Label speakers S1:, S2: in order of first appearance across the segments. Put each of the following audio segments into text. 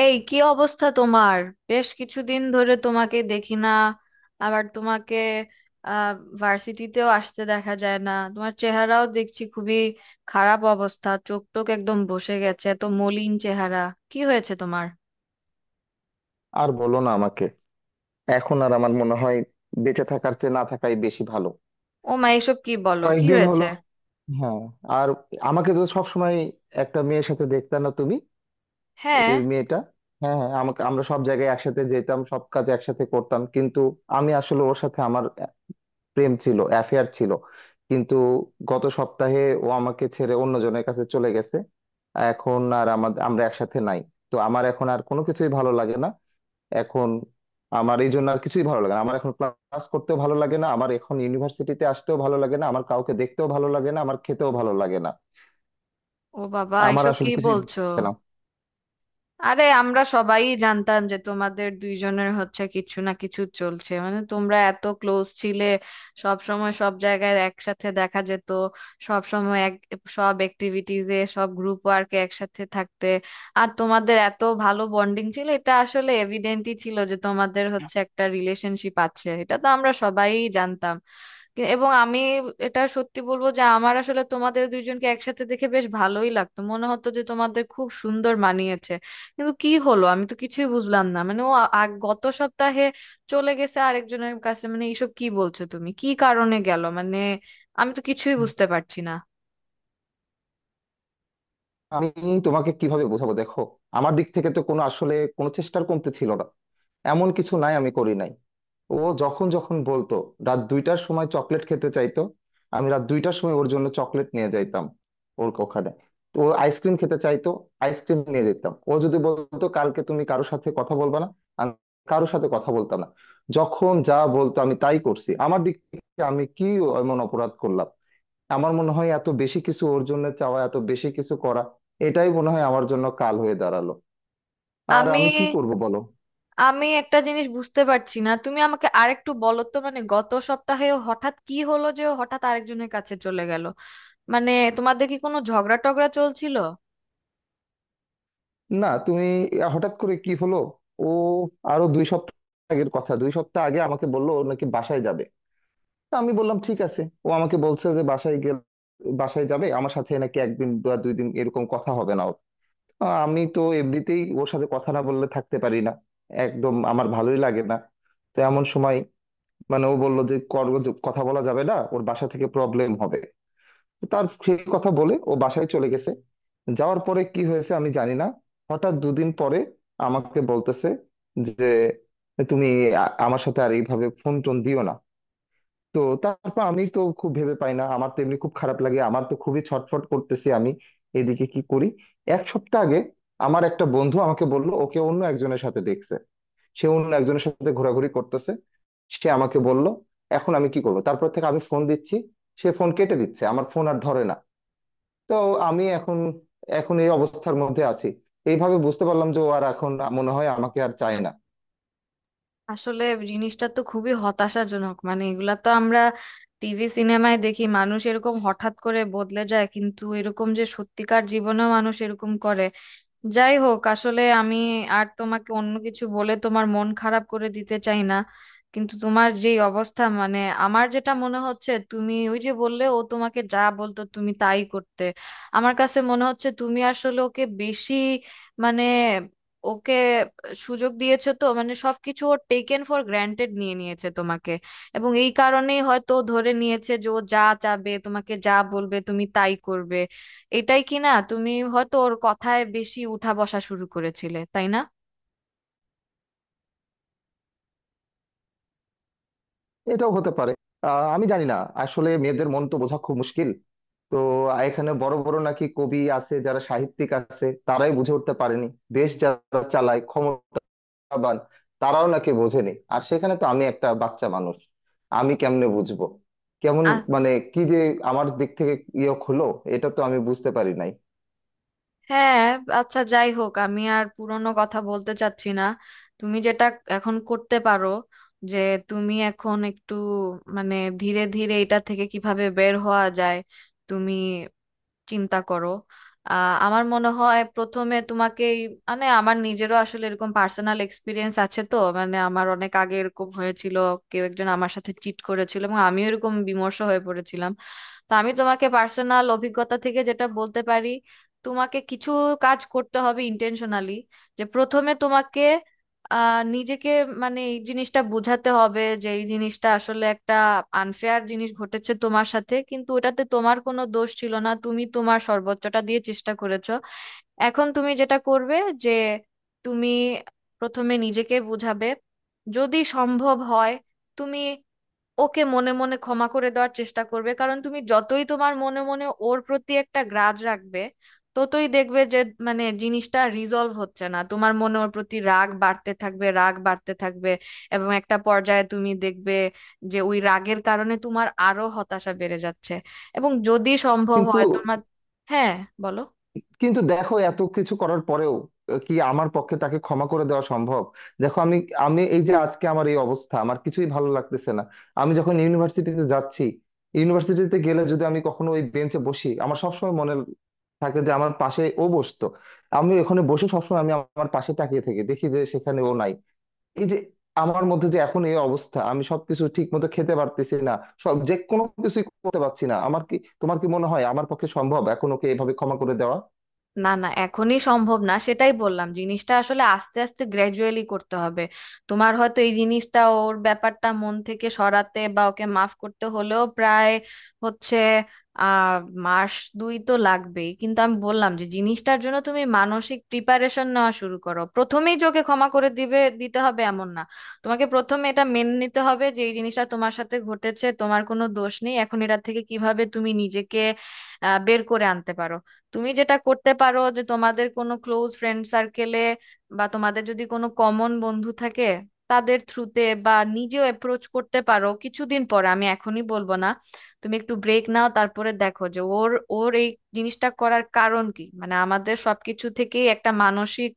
S1: এই কি অবস্থা তোমার? বেশ কিছুদিন ধরে তোমাকে দেখি না। আবার তোমাকে আহ ভার্সিটিতেও আসতে দেখা যায় না, তোমার চেহারাও দেখছি খুবই খারাপ অবস্থা। চোখ টোক একদম বসে গেছে, এত মলিন চেহারা। কি হয়েছে তোমার?
S2: আর বলো না আমাকে। এখন আর আমার মনে হয় বেঁচে থাকার চেয়ে না থাকাই বেশি ভালো।
S1: ও মা, এসব কি বলো, কি
S2: কয়েকদিন
S1: হয়েছে?
S2: হলো। হ্যাঁ। আর আমাকে তো সবসময় একটা মেয়ের সাথে দেখতা না তুমি?
S1: হ্যাঁ।
S2: এই মেয়েটা, হ্যাঁ হ্যাঁ, আমরা সব জায়গায় একসাথে যেতাম, সব কাজ একসাথে করতাম। কিন্তু আমি আসলে ওর সাথে আমার প্রেম ছিল, অ্যাফেয়ার ছিল। কিন্তু গত সপ্তাহে ও আমাকে ছেড়ে অন্যজনের কাছে চলে গেছে। এখন আর আমরা একসাথে নাই। তো আমার এখন আর কোনো কিছুই ভালো লাগে না। এখন আমার এই জন্য আর কিছুই ভালো লাগে না, আমার এখন ক্লাস করতেও ভালো লাগে না, আমার এখন ইউনিভার্সিটিতে আসতেও ভালো লাগে না, আমার কাউকে দেখতেও ভালো লাগে না, আমার খেতেও ভালো লাগে না।
S1: ও বাবা,
S2: আমার
S1: এসব কি
S2: আসলে কিছুই ভালো
S1: বলছো?
S2: লাগে না।
S1: আরে আমরা সবাই জানতাম যে তোমাদের দুইজনের হচ্ছে কিছু না কিছু চলছে, মানে তোমরা এত ক্লোজ ছিলে, সব সময় সব জায়গায় একসাথে দেখা যেত, সব সময় এক, সব অ্যাক্টিভিটিজে সব গ্রুপ ওয়ার্কে একসাথে থাকতে। আর তোমাদের এত ভালো বন্ডিং ছিল, এটা আসলে এভিডেন্টই ছিল যে তোমাদের হচ্ছে একটা রিলেশনশিপ আছে, এটা তো আমরা সবাই জানতাম। এবং আমি এটা সত্যি বলবো যে আমার আসলে তোমাদের দুইজনকে একসাথে দেখে বেশ ভালোই লাগতো, মনে হতো যে তোমাদের খুব সুন্দর মানিয়েছে। কিন্তু কি হলো, আমি তো কিছুই বুঝলাম না, মানে ও গত সপ্তাহে চলে গেছে আরেকজনের কাছে, মানে এইসব কি বলছো তুমি, কি কারণে গেল মানে? আমি তো কিছুই বুঝতে পারছি না।
S2: আমি তোমাকে কিভাবে বোঝাবো? দেখো, আমার দিক থেকে তো কোনো, আসলে কোনো চেষ্টার কমতে ছিল না। এমন কিছু নাই আমি করি নাই। ও যখন যখন বলতো রাত 2টার সময় চকলেট খেতে চাইতো, আমি রাত 2টার সময় ওর জন্য চকলেট নিয়ে যাইতাম ওর ওখানে। তো ও আইসক্রিম খেতে চাইতো, আইসক্রিম নিয়ে যেতাম। ও যদি বলতো কালকে তুমি কারোর সাথে কথা বলবা না, আমি কারোর সাথে কথা বলতাম না। যখন যা বলতো আমি তাই করছি। আমার দিক থেকে আমি কি এমন অপরাধ করলাম? আমার মনে হয় এত বেশি কিছু ওর জন্য চাওয়া, এত বেশি কিছু করা, এটাই মনে হয় আমার জন্য কাল হয়ে দাঁড়ালো। আর
S1: আমি
S2: আমি কি করব বলো?
S1: আমি একটা জিনিস বুঝতে পারছি না, তুমি আমাকে আরেকটু বলো তো, মানে গত সপ্তাহে ও হঠাৎ কি হলো যে ও হঠাৎ আরেকজনের কাছে চলে গেল? মানে তোমাদের কি কোনো ঝগড়া টগড়া চলছিল?
S2: না তুমি, হঠাৎ করে কি হলো? ও আরো 2 সপ্তাহ আগের কথা, 2 সপ্তাহ আগে আমাকে বললো ও নাকি বাসায় যাবে। তো আমি বললাম ঠিক আছে। ও আমাকে বলছে যে বাসায় গেলে, বাসায় যাবে, আমার সাথে নাকি একদিন বা 2 দিন এরকম কথা হবে না ওর। আমি তো এমনিতেই ওর সাথে কথা না বললে থাকতে পারি না, একদম আমার ভালোই লাগে না। তো এমন সময় মানে ও বললো যে কর, কথা বলা যাবে না, ওর বাসা থেকে প্রবলেম হবে। তার সেই কথা বলে ও বাসায় চলে গেছে। যাওয়ার পরে কি হয়েছে আমি জানি না। হঠাৎ দুদিন পরে আমাকে বলতেছে যে তুমি, আমার সাথে আর এইভাবে ফোন টোন দিও না। তো তারপর আমি তো খুব ভেবে পাই না, আমার তো এমনি খুব খারাপ লাগে, আমার তো খুবই ছটফট করতেছি আমি। এদিকে কি করি? এক সপ্তাহ আগে আমার একটা বন্ধু আমাকে বলল ওকে অন্য একজনের সাথে দেখছে, সে অন্য একজনের সাথে ঘোরাঘুরি করতেছে। সে আমাকে বলল। এখন আমি কি করবো? তারপর থেকে আমি ফোন দিচ্ছি, সে ফোন কেটে দিচ্ছে, আমার ফোন আর ধরে না। তো আমি এখন, এই অবস্থার মধ্যে আছি। এইভাবে বুঝতে পারলাম যে ও আর এখন মনে হয় আমাকে আর চায় না।
S1: আসলে জিনিসটা তো খুবই হতাশাজনক, মানে এগুলা তো আমরা টিভি সিনেমায় দেখি মানুষ এরকম হঠাৎ করে বদলে যায়, কিন্তু এরকম যে সত্যিকার জীবনেও মানুষ এরকম করে। যাই হোক, আসলে আমি আর তোমাকে অন্য কিছু বলে তোমার মন খারাপ করে দিতে চাই না, কিন্তু তোমার যে অবস্থা মানে, আমার যেটা মনে হচ্ছে তুমি ওই যে বললে ও তোমাকে যা বলতো তুমি তাই করতে, আমার কাছে মনে হচ্ছে তুমি আসলে ওকে বেশি, মানে ওকে সুযোগ দিয়েছো তো, মানে সবকিছু ও টেকেন ফর গ্রান্টেড নিয়ে নিয়েছে তোমাকে, এবং এই কারণেই হয়তো ও ধরে নিয়েছে যে ও যা চাবে তোমাকে যা বলবে তুমি তাই করবে। এটাই কি না তুমি হয়তো ওর কথায় বেশি উঠা বসা শুরু করেছিলে, তাই না?
S2: এটাও হতে পারে। আমি জানি না। আসলে মেয়েদের মন তো বোঝা খুব মুশকিল। তো এখানে বড় বড় নাকি কবি আছে, যারা সাহিত্যিক আছে, তারাই বুঝে উঠতে পারেনি। দেশ যারা চালায়, ক্ষমতাবান, তারাও নাকি বোঝেনি। আর সেখানে তো আমি একটা বাচ্চা মানুষ, আমি কেমনে বুঝবো কেমন?
S1: আ-
S2: মানে কি যে আমার দিক থেকে ইয়ে হলো, এটা তো আমি বুঝতে পারি নাই।
S1: হ্যাঁ। আচ্ছা যাই হোক, আমি আর পুরনো কথা বলতে চাচ্ছি না। তুমি যেটা এখন করতে পারো, যে তুমি এখন একটু, মানে ধীরে ধীরে এটা থেকে কিভাবে বের হওয়া যায় তুমি চিন্তা করো। আমার মনে হয় প্রথমে তোমাকে মানে আমার নিজেরও আসলে এরকম পার্সোনাল এক্সপিরিয়েন্স আছে তো, মানে আমার অনেক আগে এরকম হয়েছিল, কেউ একজন আমার সাথে চিট করেছিল এবং আমিও এরকম বিমর্ষ হয়ে পড়েছিলাম। তো আমি তোমাকে পার্সোনাল অভিজ্ঞতা থেকে যেটা বলতে পারি, তোমাকে কিছু কাজ করতে হবে ইন্টেনশনালি, যে প্রথমে তোমাকে নিজেকে, মানে এই জিনিসটা বোঝাতে হবে যে এই জিনিসটা আসলে একটা আনফেয়ার জিনিস ঘটেছে তোমার সাথে, কিন্তু ওটাতে তোমার কোনো দোষ ছিল না, তুমি তোমার সর্বোচ্চটা দিয়ে চেষ্টা করেছো। এখন তুমি যেটা করবে, যে তুমি প্রথমে নিজেকে বোঝাবে, যদি সম্ভব হয় তুমি ওকে মনে মনে ক্ষমা করে দেওয়ার চেষ্টা করবে, কারণ তুমি যতই তোমার মনে মনে ওর প্রতি একটা গ্রাজ রাখবে ততই দেখবে যে মানে জিনিসটা রিজলভ হচ্ছে না, তোমার মনে ওর প্রতি রাগ বাড়তে থাকবে, রাগ বাড়তে থাকবে, এবং একটা পর্যায়ে তুমি দেখবে যে ওই রাগের কারণে তোমার আরো হতাশা বেড়ে যাচ্ছে। এবং যদি সম্ভব
S2: কিন্তু
S1: হয় তোমার, হ্যাঁ বলো।
S2: কিন্তু দেখো এত কিছু করার পরেও, কি আমার পক্ষে তাকে ক্ষমা করে দেওয়া সম্ভব? দেখো আমি আমি এই যে আজকে আমার এই অবস্থা, আমার কিছুই ভালো লাগতেছে না। আমি যখন ইউনিভার্সিটিতে যাচ্ছি, ইউনিভার্সিটিতে গেলে যদি আমি কখনো ওই বেঞ্চে বসি, আমার সবসময় মনে থাকে যে আমার পাশে ও বসতো। আমি ওখানে বসে সবসময় আমি আমার পাশে তাকিয়ে থাকি, দেখি যে সেখানে ও নাই। এই যে আমার মধ্যে যে এখন এই অবস্থা, আমি সবকিছু ঠিক মতো খেতে পারতেছি না। সব, যে কোনো কিছুই করতে পারছি না। আমার কি, তোমার কি মনে হয় আমার পক্ষে সম্ভব এখন ওকে এভাবে ক্ষমা করে দেওয়া?
S1: না না, এখনই সম্ভব না, সেটাই বললাম। জিনিসটা আসলে আস্তে আস্তে গ্র্যাজুয়ালি করতে হবে। তোমার হয়তো এই জিনিসটা ওর ব্যাপারটা মন থেকে সরাতে বা ওকে মাফ করতে হলেও প্রায় হচ্ছে আহ মাস দুই তো লাগবেই, কিন্তু আমি বললাম যে জিনিসটার জন্য তুমি মানসিক প্রিপারেশন নেওয়া শুরু করো, প্রথমেই যে ওকে ক্ষমা করে দিবে দিতে হবে এমন না। তোমাকে প্রথমে এটা মেনে নিতে হবে যে এই জিনিসটা তোমার সাথে ঘটেছে, তোমার কোনো দোষ নেই, এখন এটা থেকে কিভাবে তুমি নিজেকে বের করে আনতে পারো। তুমি যেটা করতে পারো, যে তোমাদের কোনো ক্লোজ ফ্রেন্ড সার্কেলে বা তোমাদের যদি কোনো কমন বন্ধু থাকে তাদের থ্রুতে বা নিজেও অ্যাপ্রোচ করতে পারো, কিছুদিন পরে, আমি এখনই বলবো না। তুমি একটু ব্রেক নাও, তারপরে দেখো যে ওর ওর এই জিনিসটা করার কারণ কি, মানে আমাদের সবকিছু থেকেই একটা মানসিক,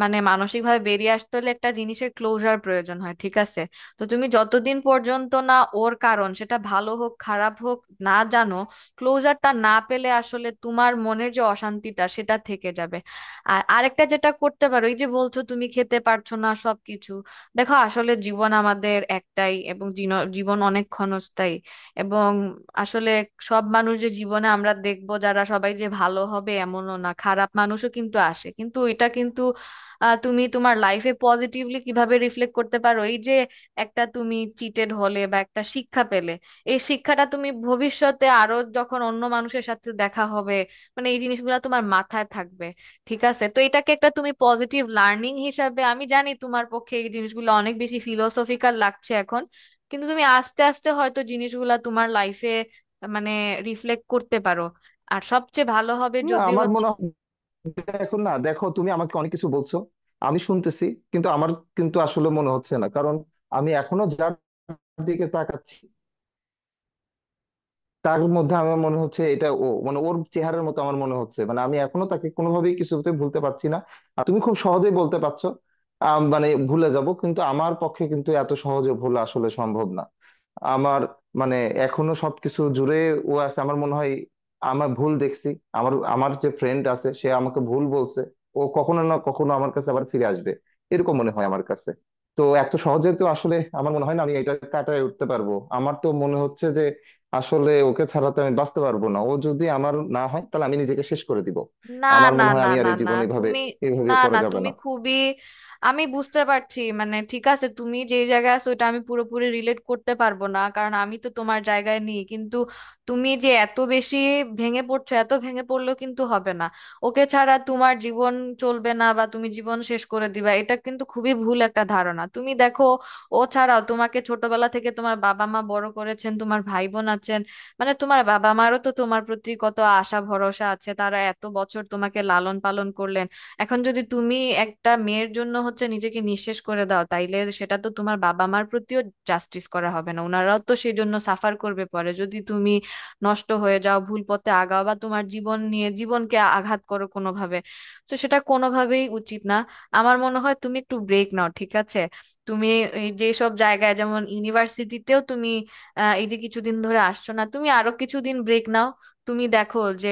S1: মানে মানসিকভাবে বেরিয়ে আসতে হলে একটা জিনিসের ক্লোজার প্রয়োজন হয়, ঠিক আছে? তো তুমি যতদিন পর্যন্ত না ওর কারণ, সেটা ভালো হোক খারাপ হোক, না জানো, ক্লোজারটা না পেলে আসলে তোমার মনের যে অশান্তিটা সেটা থেকে যাবে। আর আরেকটা যেটা করতে পারো, এই যে বলছো তুমি খেতে পারছো না সবকিছু, দেখো আসলে জীবন আমাদের একটাই এবং জীবন অনেক ক্ষণস্থায়ী, এবং আসলে সব মানুষ যে জীবনে আমরা দেখবো যারা সবাই যে ভালো হবে এমনও না, খারাপ মানুষও কিন্তু আসে, কিন্তু এটা কিন্তু তুমি তোমার লাইফে পজিটিভলি কিভাবে রিফ্লেক্ট করতে পারো, এই যে একটা তুমি চিটেড হলে বা একটা শিক্ষা পেলে, এই শিক্ষাটা তুমি ভবিষ্যতে আরো যখন অন্য মানুষের সাথে দেখা হবে মানে এই জিনিসগুলো তোমার মাথায় থাকবে, ঠিক আছে? তো এটাকে একটা তুমি পজিটিভ লার্নিং হিসাবে, আমি জানি তোমার পক্ষে এই জিনিসগুলো অনেক বেশি ফিলোসফিক্যাল লাগছে এখন, কিন্তু তুমি আস্তে আস্তে হয়তো জিনিসগুলা তোমার লাইফে মানে রিফ্লেক্ট করতে পারো। আর সবচেয়ে ভালো হবে
S2: না,
S1: যদি,
S2: আমার মনে হয় এখন না। দেখো তুমি আমাকে অনেক কিছু বলছো, আমি শুনতেছি, কিন্তু আমার, কিন্তু আসলে মনে হচ্ছে না। কারণ আমি এখনো যার দিকে তাকাচ্ছি, তার মধ্যে আমার মনে হচ্ছে এটা ও, মানে ওর চেহারার মতো আমার মনে হচ্ছে। মানে আমি এখনো তাকে কোনোভাবেই কিছুতে ভুলতে পারছি না। আর তুমি খুব সহজেই বলতে পারছো মানে ভুলে যাব, কিন্তু আমার পক্ষে কিন্তু এত সহজে ভোলা আসলে সম্ভব না। আমার মানে এখনো সবকিছু জুড়ে ও আছে, আমার মনে হয়। আমার ভুল দেখছি। আমার আমার যে ফ্রেন্ড আছে সে আমাকে ভুল বলছে। ও কখনো না কখনো আমার কাছে আবার ফিরে আসবে, এরকম মনে হয় আমার কাছে। তো এত সহজে তো আসলে আমার মনে হয় না আমি এটা কাটায় উঠতে পারবো। আমার তো মনে হচ্ছে যে আসলে ওকে ছাড়া তো আমি বাঁচতে পারবো না। ও যদি আমার না হয় তাহলে আমি নিজেকে শেষ করে দিব।
S1: না
S2: আমার
S1: না
S2: মনে হয়
S1: না
S2: আমি আর
S1: না
S2: এই
S1: না
S2: জীবন এইভাবে,
S1: তুমি, না
S2: করা
S1: না
S2: যাবে
S1: তুমি
S2: না।
S1: খুবই, আমি বুঝতে পারছি, মানে ঠিক আছে তুমি যে জায়গায় আছো ওটা আমি পুরোপুরি রিলেট করতে পারবো না, কারণ আমি তো তোমার জায়গায় নেই, কিন্তু তুমি যে এত বেশি ভেঙে পড়ছো, এত ভেঙে পড়লেও কিন্তু হবে না। ওকে ছাড়া তোমার জীবন চলবে না বা তুমি জীবন শেষ করে দিবা, এটা কিন্তু খুবই ভুল একটা ধারণা। তুমি দেখো, ও ছাড়াও তোমাকে ছোটবেলা থেকে তোমার বাবা মা বড় করেছেন, তোমার ভাই বোন আছেন, মানে তোমার বাবা মারও তো তোমার প্রতি কত আশা ভরসা আছে, তারা এত বছর তোমাকে লালন পালন করলেন। এখন যদি তুমি একটা মেয়ের জন্য হচ্ছে নিজেকে নিঃশেষ করে দাও, তাইলে সেটা তো তোমার বাবা মার প্রতিও জাস্টিস করা হবে না, ওনারাও তো সেই জন্য সাফার করবে পরে, যদি তুমি নষ্ট হয়ে যাও, ভুল পথে আগাও বা তোমার জীবন নিয়ে জীবনকে আঘাত করো কোনোভাবে, তো সেটা কোনোভাবেই উচিত না। আমার মনে হয় তুমি একটু ব্রেক নাও, ঠিক আছে? তুমি এই যেসব জায়গায় যেমন ইউনিভার্সিটিতেও তুমি এই যে কিছুদিন ধরে আসছো না, তুমি আরো কিছুদিন ব্রেক নাও। তুমি দেখো যে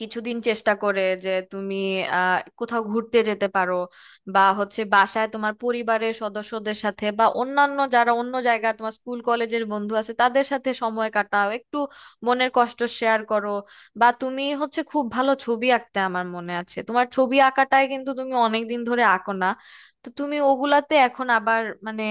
S1: কিছুদিন চেষ্টা করে যে তুমি কোথাও ঘুরতে যেতে পারো, বা হচ্ছে বাসায় তোমার পরিবারের সদস্যদের সাথে বা অন্যান্য যারা অন্য জায়গায় তোমার স্কুল কলেজের বন্ধু আছে তাদের সাথে সময় কাটাও একটু, মনের কষ্ট শেয়ার করো। বা তুমি হচ্ছে খুব ভালো ছবি আঁকতে, আমার মনে আছে, তোমার ছবি আঁকাটাই কিন্তু তুমি অনেকদিন ধরে আঁকো না, তো তুমি ওগুলাতে এখন আবার মানে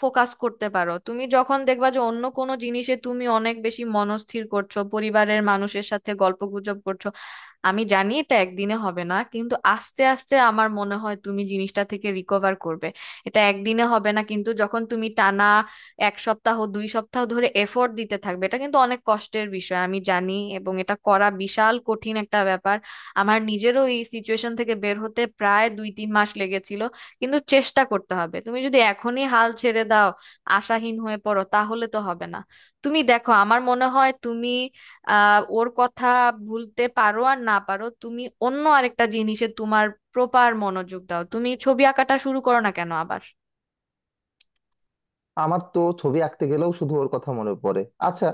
S1: ফোকাস করতে পারো। তুমি যখন দেখবা যে অন্য কোনো জিনিসে তুমি অনেক বেশি মনস্থির করছো, পরিবারের মানুষের সাথে গল্পগুজব করছো, আমি জানি এটা একদিনে হবে না, কিন্তু আস্তে আস্তে আমার মনে হয় তুমি জিনিসটা থেকে রিকভার করবে। এটা একদিনে হবে না, কিন্তু যখন তুমি টানা এক সপ্তাহ দুই সপ্তাহ ধরে এফোর্ট দিতে থাকবে, এটা কিন্তু অনেক কষ্টের বিষয় আমি জানি, এবং এটা করা বিশাল কঠিন একটা ব্যাপার। আমার নিজেরও এই সিচুয়েশন থেকে বের হতে প্রায় দুই তিন মাস লেগেছিল, কিন্তু চেষ্টা করতে হবে। তুমি যদি এখনই হাল ছেড়ে দাও, আশাহীন হয়ে পড়ো, তাহলে তো হবে না। তুমি দেখো, আমার মনে হয় তুমি ওর কথা ভুলতে পারো আর না পারো, তুমি অন্য আরেকটা জিনিসে তোমার প্রপার মনোযোগ দাও, তুমি ছবি আঁকাটা শুরু করো না কেন আবার?
S2: আমার তো ছবি আঁকতে গেলেও শুধু ওর কথা মনে পড়ে। আচ্ছা,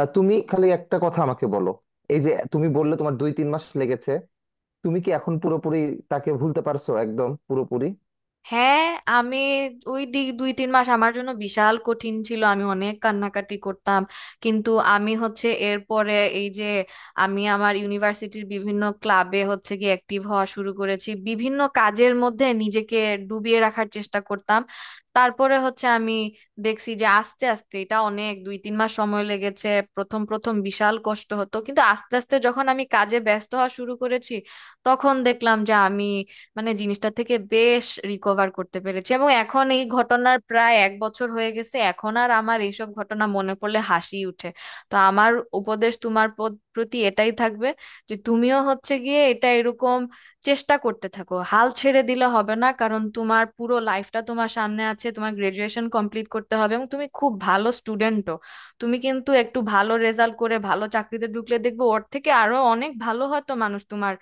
S2: তুমি খালি একটা কথা আমাকে বলো। এই যে তুমি বললে তোমার 2-3 মাস লেগেছে, তুমি কি এখন পুরোপুরি তাকে ভুলতে পারছো, একদম পুরোপুরি?
S1: হ্যাঁ। আমি ওই দুই তিন মাস আমার জন্য বিশাল কঠিন ছিল, আমি অনেক কান্নাকাটি করতাম, কিন্তু আমি হচ্ছে এরপরে, এই যে, আমি আমার ইউনিভার্সিটির বিভিন্ন ক্লাবে হচ্ছে কি অ্যাক্টিভ হওয়া শুরু করেছি, বিভিন্ন কাজের মধ্যে নিজেকে ডুবিয়ে রাখার চেষ্টা করতাম। তারপরে হচ্ছে আমি দেখছি যে আস্তে আস্তে এটা, অনেক দুই তিন মাস সময় লেগেছে, প্রথম প্রথম বিশাল কষ্ট হতো, কিন্তু আস্তে আস্তে যখন আমি কাজে ব্যস্ত হওয়া শুরু করেছি তখন দেখলাম যে আমি মানে জিনিসটা থেকে বেশ রিকভার করতে পেরেছি, এবং এখন এই ঘটনার প্রায় এক বছর হয়ে গেছে, এখন আর আমার এইসব ঘটনা মনে পড়লে হাসি উঠে। তো আমার উপদেশ তোমার প্রতি এটাই থাকবে, যে তুমিও হচ্ছে গিয়ে এটা এরকম চেষ্টা করতে থাকো, হাল ছেড়ে দিলে হবে না, কারণ তোমার পুরো লাইফটা তোমার সামনে আছে, তোমার গ্রাজুয়েশন কমপ্লিট করতে হবে, এবং তুমি খুব ভালো স্টুডেন্টও। তুমি কিন্তু একটু ভালো রেজাল্ট করে ভালো চাকরিতে ঢুকলে দেখবে ওর থেকে আরো অনেক ভালো হয়তো মানুষ তোমার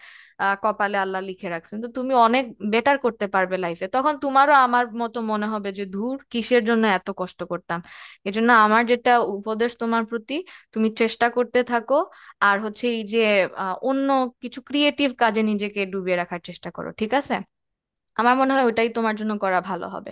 S1: কপালে আল্লাহ লিখে রাখছেন, তো তুমি অনেক বেটার করতে পারবে লাইফে, তখন তোমারও আমার মতো মনে হবে যে ধুর কিসের জন্য এত কষ্ট করতাম। এজন্য আমার যেটা উপদেশ তোমার প্রতি, তুমি চেষ্টা করতে থাকো। আর হচ্ছে এই যে অন্য কিছু ক্রিয়েটিভ কাজে নিজেকে ডুবিয়ে রাখার চেষ্টা করো, ঠিক আছে? আমার মনে হয় ওটাই তোমার জন্য করা ভালো হবে।